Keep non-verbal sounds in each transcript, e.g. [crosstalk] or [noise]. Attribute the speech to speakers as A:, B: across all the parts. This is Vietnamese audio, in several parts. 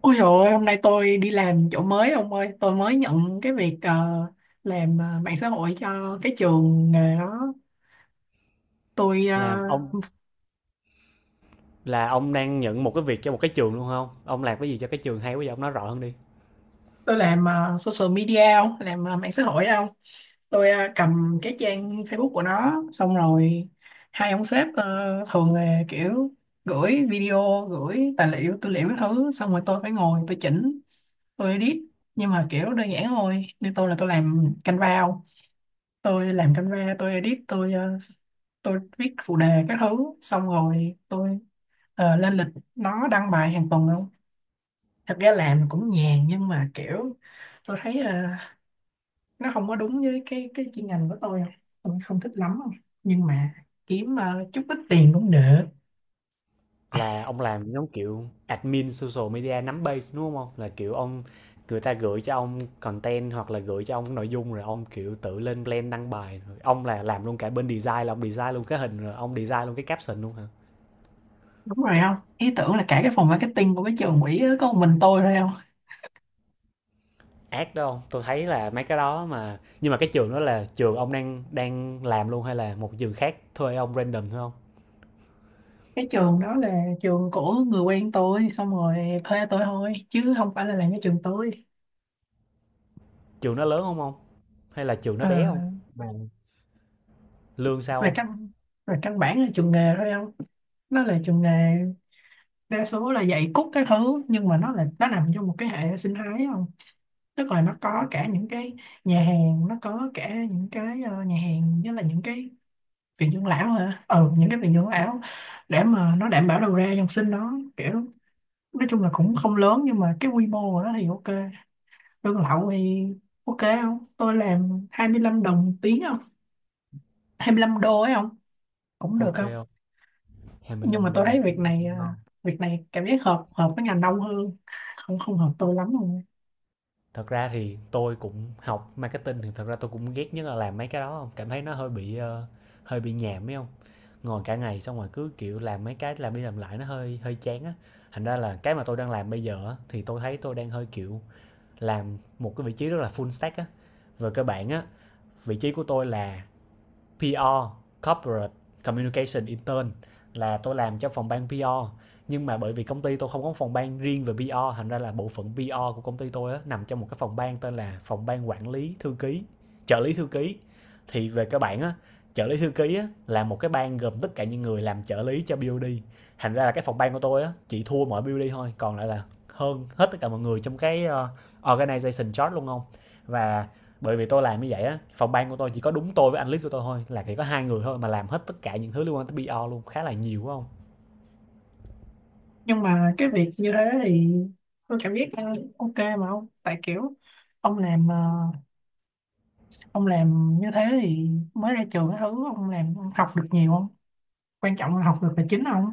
A: Ôi trời ơi, hôm nay tôi đi làm chỗ mới ông ơi, tôi mới nhận cái việc, làm mạng xã hội cho cái trường nghề đó. Tôi
B: Là ông là ông đang nhận một cái việc cho một cái trường luôn không? Ông làm cái gì cho cái trường hay quá vậy? Ông nói rõ hơn đi.
A: làm social media, ông, làm mạng xã hội không? Tôi cầm cái trang Facebook của nó, xong rồi hai ông sếp thường là kiểu gửi video, gửi tài liệu, tư liệu cái thứ, xong rồi tôi phải ngồi tôi chỉnh, tôi edit, nhưng mà kiểu đơn giản thôi. Như tôi là tôi làm Canva, tôi làm camera, tôi edit, tôi tôi viết phụ đề các thứ, xong rồi tôi lên lịch nó đăng bài hàng tuần không. Thật ra làm cũng nhàn, nhưng mà kiểu tôi thấy nó không có đúng với cái chuyên ngành của tôi không, tôi không thích lắm không, nhưng mà kiếm chút ít tiền cũng được.
B: Là ông làm giống kiểu admin social media nắm base đúng không? Là kiểu ông người ta gửi cho ông content hoặc là gửi cho ông cái nội dung rồi ông, kiểu, tự lên plan đăng bài rồi ông là làm luôn cả bên design, là ông design luôn cái hình rồi ông design luôn cái caption luôn hả?
A: Đúng rồi không, ý tưởng là cả cái phòng marketing của cái trường quỹ á, có một mình tôi thôi không.
B: Ác đó không? Tôi thấy là mấy cái đó mà, nhưng mà cái trường đó là trường ông đang đang làm luôn hay là một trường khác thuê ông random thôi không?
A: Cái trường đó là trường của người quen tôi, xong rồi thuê tôi thôi chứ không phải là làm cái trường tôi.
B: Trường nó lớn không không Hay là trường nó
A: Ờ
B: bé không? Lương sao
A: về
B: không?
A: căn Về căn bản là trường nghề thôi không, nó là trường nghề. Đa số là dạy cút các thứ, nhưng mà nó nằm trong một cái hệ sinh thái không, tức là nó có cả những cái nhà hàng, nó có cả những cái nhà hàng với là những cái viện dưỡng lão hả ừ những cái viện dưỡng lão, để mà nó đảm bảo đầu ra dòng sinh nó. Kiểu nói chung là cũng không lớn, nhưng mà cái quy mô của nó thì ok. Lương lậu thì ok không, tôi làm 25 đồng một tiếng không, 25 đô ấy không, cũng được
B: Ok,
A: không. Nhưng
B: 25
A: mà
B: đô
A: tôi
B: một
A: thấy việc
B: tiếng.
A: này à, việc này cảm giác hợp hợp với ngành đông hơn Không, không hợp tôi lắm luôn.
B: Thật ra thì tôi cũng học marketing, thì thật ra tôi cũng ghét nhất là làm mấy cái đó không? Cảm thấy nó hơi bị nhàm ấy không? Ngồi cả ngày xong rồi cứ kiểu làm mấy cái, làm đi làm lại nó hơi hơi chán á. Thành ra là cái mà tôi đang làm bây giờ á, thì tôi thấy tôi đang hơi kiểu làm một cái vị trí rất là full stack á. Về cơ bản á, vị trí của tôi là PR Corporate Communication Intern, là tôi làm cho phòng ban PR, nhưng mà bởi vì công ty tôi không có phòng ban riêng về PR, thành ra là bộ phận PR của công ty tôi á, nằm trong một cái phòng ban tên là phòng ban quản lý thư ký, trợ lý thư ký. Thì về các bạn á, trợ lý thư ký á, là một cái ban gồm tất cả những người làm trợ lý cho BOD, thành ra là cái phòng ban của tôi á, chỉ thua mỗi BOD thôi, còn lại là hơn hết tất cả mọi người trong cái organization chart luôn không. Và bởi vì tôi làm như vậy á, phòng ban của tôi chỉ có đúng tôi với anh lít của tôi thôi, là chỉ có hai người thôi mà làm hết tất cả những thứ liên quan tới PR luôn, khá là nhiều phải không?
A: Nhưng mà cái việc như thế thì tôi cảm giác ok mà ông, tại kiểu ông làm ờ, ông làm như thế thì mới ra trường cái thứ, ông làm ông học được nhiều không, quan trọng là học được là chính không.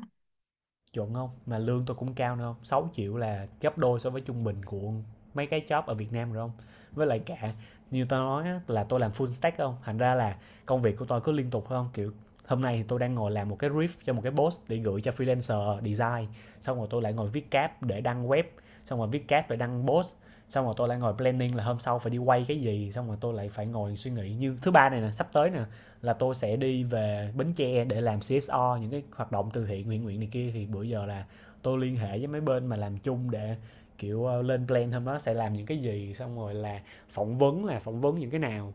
B: Chuẩn không, mà lương tôi cũng cao nữa không, 6 triệu là gấp đôi so với trung bình của mấy cái job ở Việt Nam rồi không. Với lại cả như tôi nói á, là tôi làm full stack không, thành ra là công việc của tôi cứ liên tục không, kiểu hôm nay thì tôi đang ngồi làm một cái riff cho một cái post để gửi cho freelancer design, xong rồi tôi lại ngồi viết cap để đăng web, xong rồi viết cap để đăng post, xong rồi tôi lại ngồi planning là hôm sau phải đi quay cái gì, xong rồi tôi lại phải ngồi suy nghĩ như thứ ba này nè sắp tới nè, là tôi sẽ đi về Bến Tre để làm CSO những cái hoạt động từ thiện nguyện nguyện này kia. Thì bữa giờ là tôi liên hệ với mấy bên mà làm chung để kiểu lên plan hôm đó sẽ làm những cái gì, xong rồi là phỏng vấn những cái nào.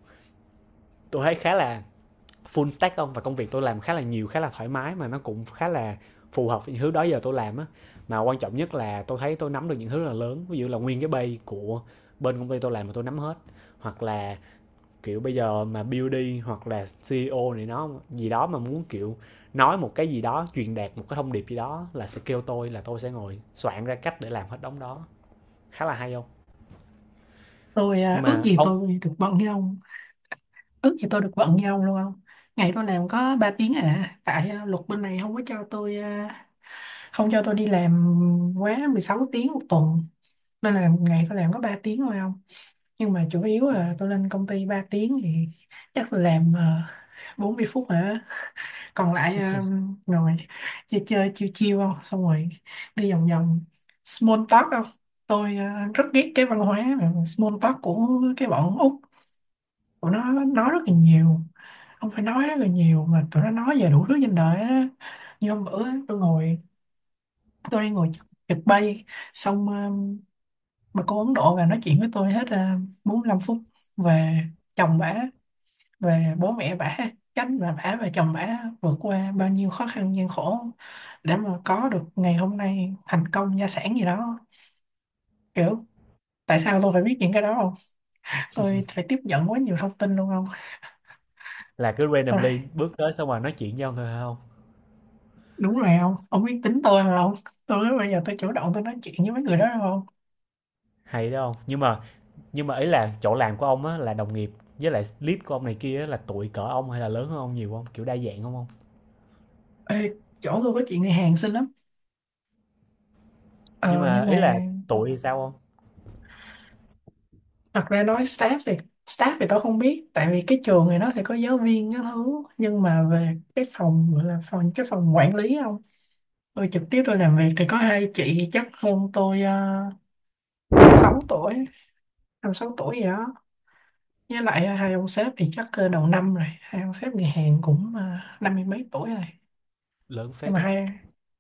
B: Tôi thấy khá là full stack không, và công việc tôi làm khá là nhiều, khá là thoải mái, mà nó cũng khá là phù hợp với những thứ đó giờ tôi làm á. Mà quan trọng nhất là tôi thấy tôi nắm được những thứ rất là lớn, ví dụ là nguyên cái bay của bên công ty tôi làm mà tôi nắm hết. Hoặc là kiểu bây giờ mà BD hoặc là CEO này nó gì đó mà muốn kiểu nói một cái gì đó, truyền đạt một cái thông điệp gì đó, là sẽ kêu tôi, là tôi sẽ ngồi soạn ra cách để làm hết đống đó, khá là hay không.
A: Tôi
B: Nhưng
A: ước
B: mà
A: gì
B: ông
A: tôi được bận như ông, ước gì tôi được bận như ông luôn không. Ngày tôi làm có 3 tiếng à, tại luật bên này không có cho tôi, ờ, không cho tôi đi làm quá 16 tiếng một tuần. Nên là một ngày tôi làm có 3 tiếng thôi không. Nhưng mà chủ yếu là tôi lên công ty 3 tiếng, thì chắc tôi làm 40 phút hả? Còn lại ngồi chơi chơi chiêu chiêu không, xong rồi đi vòng vòng small talk không. Tôi rất ghét cái văn hóa mà small talk của cái bọn Úc. Tụi nó nói rất là nhiều. Không phải nói rất là nhiều mà tụi nó nói về đủ thứ trên đời á. Như hôm bữa á, tôi ngồi tôi đi ngồi trực trực bay xong mà cô Ấn Độ là nói chuyện với tôi hết à, 45 phút về chồng bả, về bố mẹ bả, cách mà bả và chồng bả vượt qua bao nhiêu khó khăn gian khổ để mà có được ngày hôm nay, thành công gia sản gì đó, kiểu tại sao tôi phải biết những cái đó không, tôi phải tiếp nhận quá nhiều thông tin luôn không.
B: Là cứ randomly
A: Tôi-
B: bước tới xong rồi nói chuyện với ông thôi hay không?
A: đúng rồi không, ông biết tính tôi mà không, tôi bây giờ tôi chủ động tôi nói chuyện với mấy người đó đâu không.
B: Hay đó không, nhưng mà ý là chỗ làm của ông á, là đồng nghiệp với lại lead của ông này kia á, là tuổi cỡ ông hay là lớn hơn ông nhiều không, kiểu đa dạng không không
A: Ê, chỗ tôi có chuyện người Hàn xinh lắm,
B: Nhưng
A: ờ,
B: mà
A: nhưng
B: ý là
A: mà
B: tuổi thì sao không?
A: thật ra nói staff thì tôi không biết, tại vì cái trường này nó sẽ có giáo viên các thứ, nhưng mà về cái phòng gọi là phòng cái phòng quản lý không, tôi trực tiếp tôi làm việc thì có hai chị chắc hơn tôi uh, 6 tuổi, 5, 6 tuổi gì đó. Với lại hai ông sếp thì chắc đầu năm rồi, hai ông sếp người Hàn cũng 50 mấy tuổi rồi.
B: Lớn
A: Nhưng
B: phết
A: mà
B: đấy.
A: hai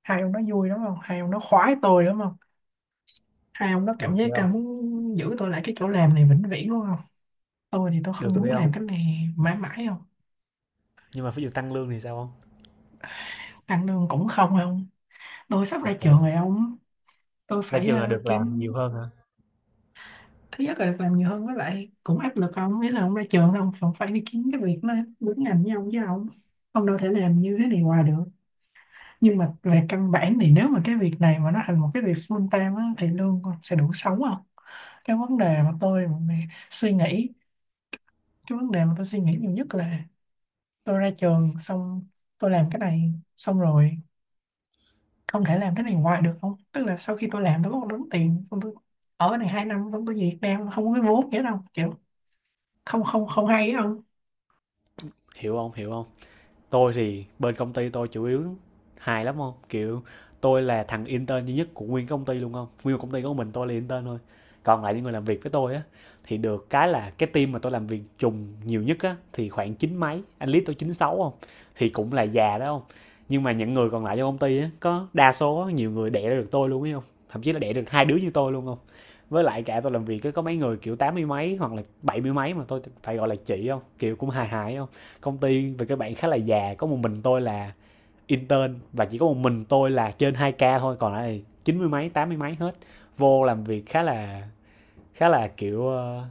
A: hai ông nó vui đúng không, hai ông nó khoái tôi đúng không, hai ông nó
B: Được
A: cảm giác
B: phải
A: là
B: không?
A: muốn giữ tôi lại cái chỗ làm này vĩnh viễn đúng không. Tôi thì tôi không
B: Được
A: muốn
B: phải không?
A: làm cái này mãi mãi.
B: Nhưng mà ví dụ tăng lương thì sao không?
A: Anh lương cũng không không. Tôi sắp ra trường rồi
B: Ok.
A: ông, tôi
B: Ra
A: phải
B: trường là được làm
A: kiếm.
B: nhiều hơn hả?
A: Thứ nhất là được làm nhiều hơn, với lại cũng áp lực ông, nghĩa là ông ra trường ông còn phải đi kiếm cái việc nó đúng ngành với ông chứ ông đâu thể làm như thế này hoài được. Nhưng mà về căn bản thì nếu mà cái việc này mà nó thành một cái việc full time á, thì lương con sẽ đủ sống không. cái vấn đề mà tôi mà suy nghĩ cái vấn đề mà tôi suy nghĩ nhiều nhất là tôi ra trường xong tôi làm cái này xong rồi không thể làm cái này hoài được không, tức là sau khi tôi làm tôi có một đống tiền xong tôi ở cái này 2 năm xong tôi về Việt Nam không có cái vốn nghĩa đâu, kiểu không, không, không hay á ông.
B: Hiểu không, hiểu không. Tôi thì bên công ty tôi chủ yếu hài lắm không, kiểu tôi là thằng intern duy nhất của nguyên công ty luôn không, nguyên công ty của mình tôi là intern thôi. Còn lại những người làm việc với tôi á, thì được cái là cái team mà tôi làm việc trùng nhiều nhất á, thì khoảng chín mấy, anh lý tôi 96 không, thì cũng là già đó không. Nhưng mà những người còn lại trong công ty á, có đa số nhiều người đẻ ra được tôi luôn ấy không, thậm chí là đẻ được hai đứa như tôi luôn không. Với lại cả tôi làm việc á, có mấy người kiểu tám mươi mấy hoặc là bảy mươi mấy mà tôi phải gọi là chị không, kiểu cũng hài hài không. Công ty về các bạn khá là già, có một mình tôi là intern và chỉ có một mình tôi là trên 2K thôi, còn lại chín mươi mấy, tám mươi mấy hết. Vô làm việc khá là kiểu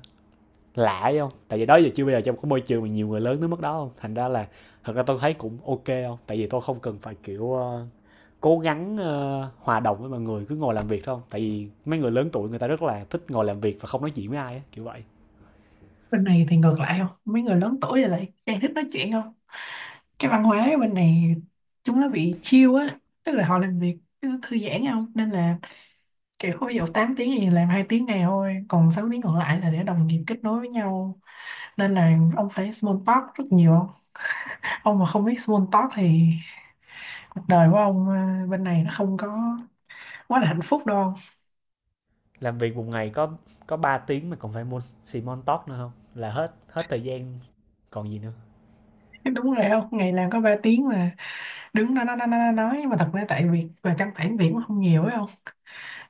B: lạ ấy không, tại vì đó giờ chưa, bây giờ trong cái môi trường mà nhiều người lớn tới mức đó không. Thành ra là thật ra tôi thấy cũng ok không, tại vì tôi không cần phải kiểu cố gắng hòa đồng với mọi người, cứ ngồi làm việc thôi không, tại vì mấy người lớn tuổi người ta rất là thích ngồi làm việc và không nói chuyện với ai á kiểu vậy.
A: Bên này thì ngược lại không, mấy người lớn tuổi rồi lại càng thích nói chuyện không. Cái văn hóa ở bên này chúng nó bị chill á, tức là họ làm việc cứ thư giãn không, nên là kiểu ví dụ 8 tiếng thì làm 2 tiếng này thôi, còn 6 tiếng còn lại là để đồng nghiệp kết nối với nhau. Nên là ông phải small talk rất nhiều, ông mà không biết small talk thì cuộc đời của ông à, bên này nó không có quá là hạnh phúc đâu.
B: Làm việc một ngày có 3 tiếng mà còn phải môn xì mon tóc nữa không, là hết hết thời gian còn gì nữa.
A: [laughs] Đúng rồi không, ngày làm có 3 tiếng mà đứng đó nói, mà thật ra tại việc và căn bản việc cũng không nhiều ấy không,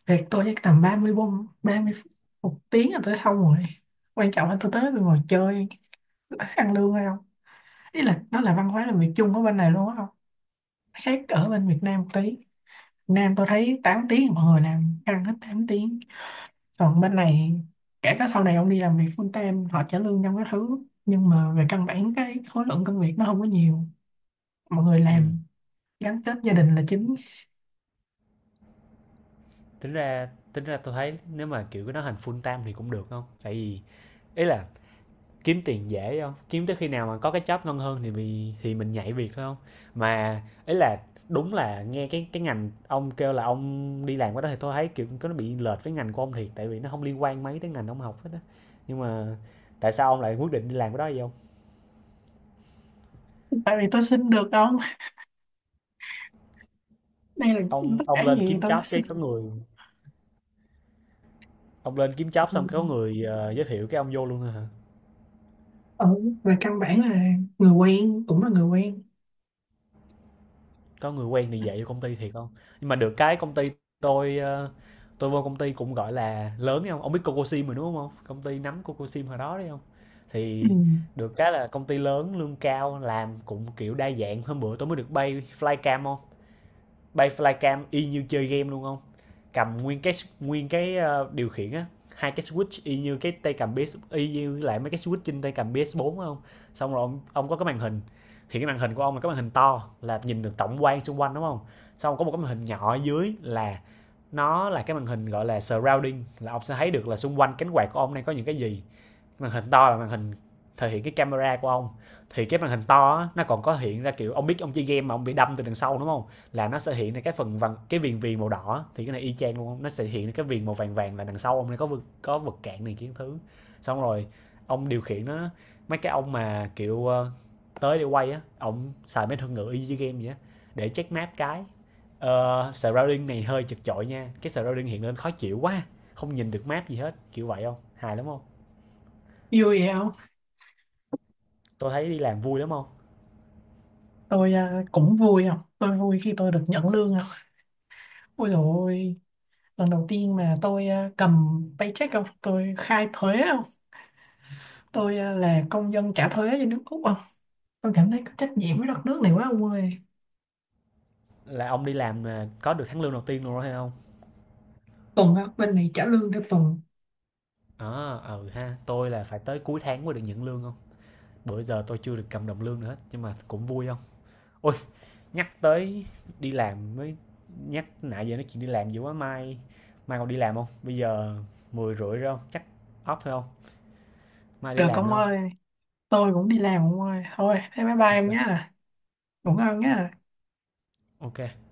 A: việc tôi chắc tầm 30 bông 30 phút một tiếng là tôi xong rồi. Quan trọng là tôi tới đó tôi ngồi chơi ăn lương hay không. Ý là nó là văn hóa làm việc chung ở bên này luôn á không, khác ở bên Việt Nam một tí. Việt Nam tôi thấy 8 tiếng mọi người làm ăn hết 8 tiếng, còn bên này kể cả sau này ông đi làm việc full time họ trả lương trong cái thứ, nhưng mà về căn bản cái khối lượng công việc nó không có nhiều. Mọi người
B: Ừ.
A: làm gắn kết gia đình là chính.
B: Tính ra tôi thấy nếu mà kiểu cái đó thành full time thì cũng được không, tại vì ý là kiếm tiền dễ không, kiếm tới khi nào mà có cái job ngon hơn thì mình nhảy việc thôi không. Mà ý là đúng là nghe cái ngành ông kêu là ông đi làm cái đó thì tôi thấy kiểu có nó bị lệch với ngành của ông thiệt, tại vì nó không liên quan mấy tới ngành ông học hết á. Nhưng mà tại sao ông lại quyết định đi làm cái đó vậy không?
A: Tại vì tôi xin được không, đây là
B: ông
A: tất
B: ông
A: cả
B: lên
A: gì
B: kiếm
A: tôi
B: job
A: xin.
B: cái có người Ông lên kiếm
A: Ờ,
B: job xong có người giới thiệu cái ông vô luôn thôi hả?
A: ừ, về căn bản là người quen cũng là người quen.
B: Có người quen thì dạy vô công ty thiệt không? Nhưng mà được cái công ty, tôi ờ, tôi vô công ty cũng gọi là lớn đấy không? Ông biết Cocosim rồi đúng không? Công ty nắm Cocosim hồi đó đấy không?
A: Ừ.
B: Thì được cái là công ty lớn, lương cao, làm cũng kiểu đa dạng, hôm bữa tôi mới được bay flycam không? Bay flycam y như chơi game luôn không, cầm nguyên cái điều khiển á, hai cái switch y như cái tay cầm PS, y như lại mấy cái switch trên tay cầm PS4 phải không? Xong rồi ông có cái màn hình. Thì cái màn hình của ông là cái màn hình to, là nhìn được tổng quan xung quanh đúng không? Xong có một cái màn hình nhỏ ở dưới, là nó là cái màn hình gọi là surrounding, là ông sẽ thấy được là xung quanh cánh quạt của ông đang có những cái gì. Màn hình to là màn hình thể hiện cái camera của ông. Thì cái màn hình to á, nó còn có hiện ra, kiểu ông biết ông chơi game mà ông bị đâm từ đằng sau đúng không, là nó sẽ hiện ra cái phần vàng, cái viền viền màu đỏ. Thì cái này y chang luôn, nó sẽ hiện ra cái viền màu vàng vàng là đằng sau ông này có vực, có vật cản này kiến thứ. Xong rồi ông điều khiển nó, mấy cái ông mà kiểu tới để quay á, ông xài mấy thuật ngữ y như game vậy á, để check map cái surrounding này hơi chật chội nha, cái surrounding hiện lên khó chịu quá, không nhìn được map gì hết kiểu vậy không, hài lắm không.
A: Vui vậy không.
B: Tôi thấy đi làm vui lắm không.
A: Tôi à, cũng vui không, tôi vui khi tôi được nhận lương không. Ôi dồi ôi, lần đầu tiên mà tôi à, cầm paycheck không, tôi khai thuế không. Tôi à, là công dân trả thuế cho nước Úc không, tôi cảm thấy có trách nhiệm với đất nước này quá ông ơi.
B: Là ông đi làm mà có được tháng lương đầu tiên luôn rồi hay không?
A: Tuần á, bên này trả lương theo tuần.
B: Ờ à, ừ ha, tôi là phải tới cuối tháng mới được nhận lương không, bữa giờ tôi chưa được cầm đồng lương nữa hết nhưng mà cũng vui không. Ôi, nhắc tới đi làm mới nhắc, nãy giờ nói chuyện đi làm dữ quá, mai mai còn đi làm không, bây giờ 10 rưỡi rồi không, chắc off thôi không, mai đi
A: Được
B: làm nữa
A: ông
B: không.
A: ơi, tôi cũng đi làm ông ơi. Thôi thế bye bye em
B: Ok.
A: nhé, ngủ ngon nhé.
B: Ok.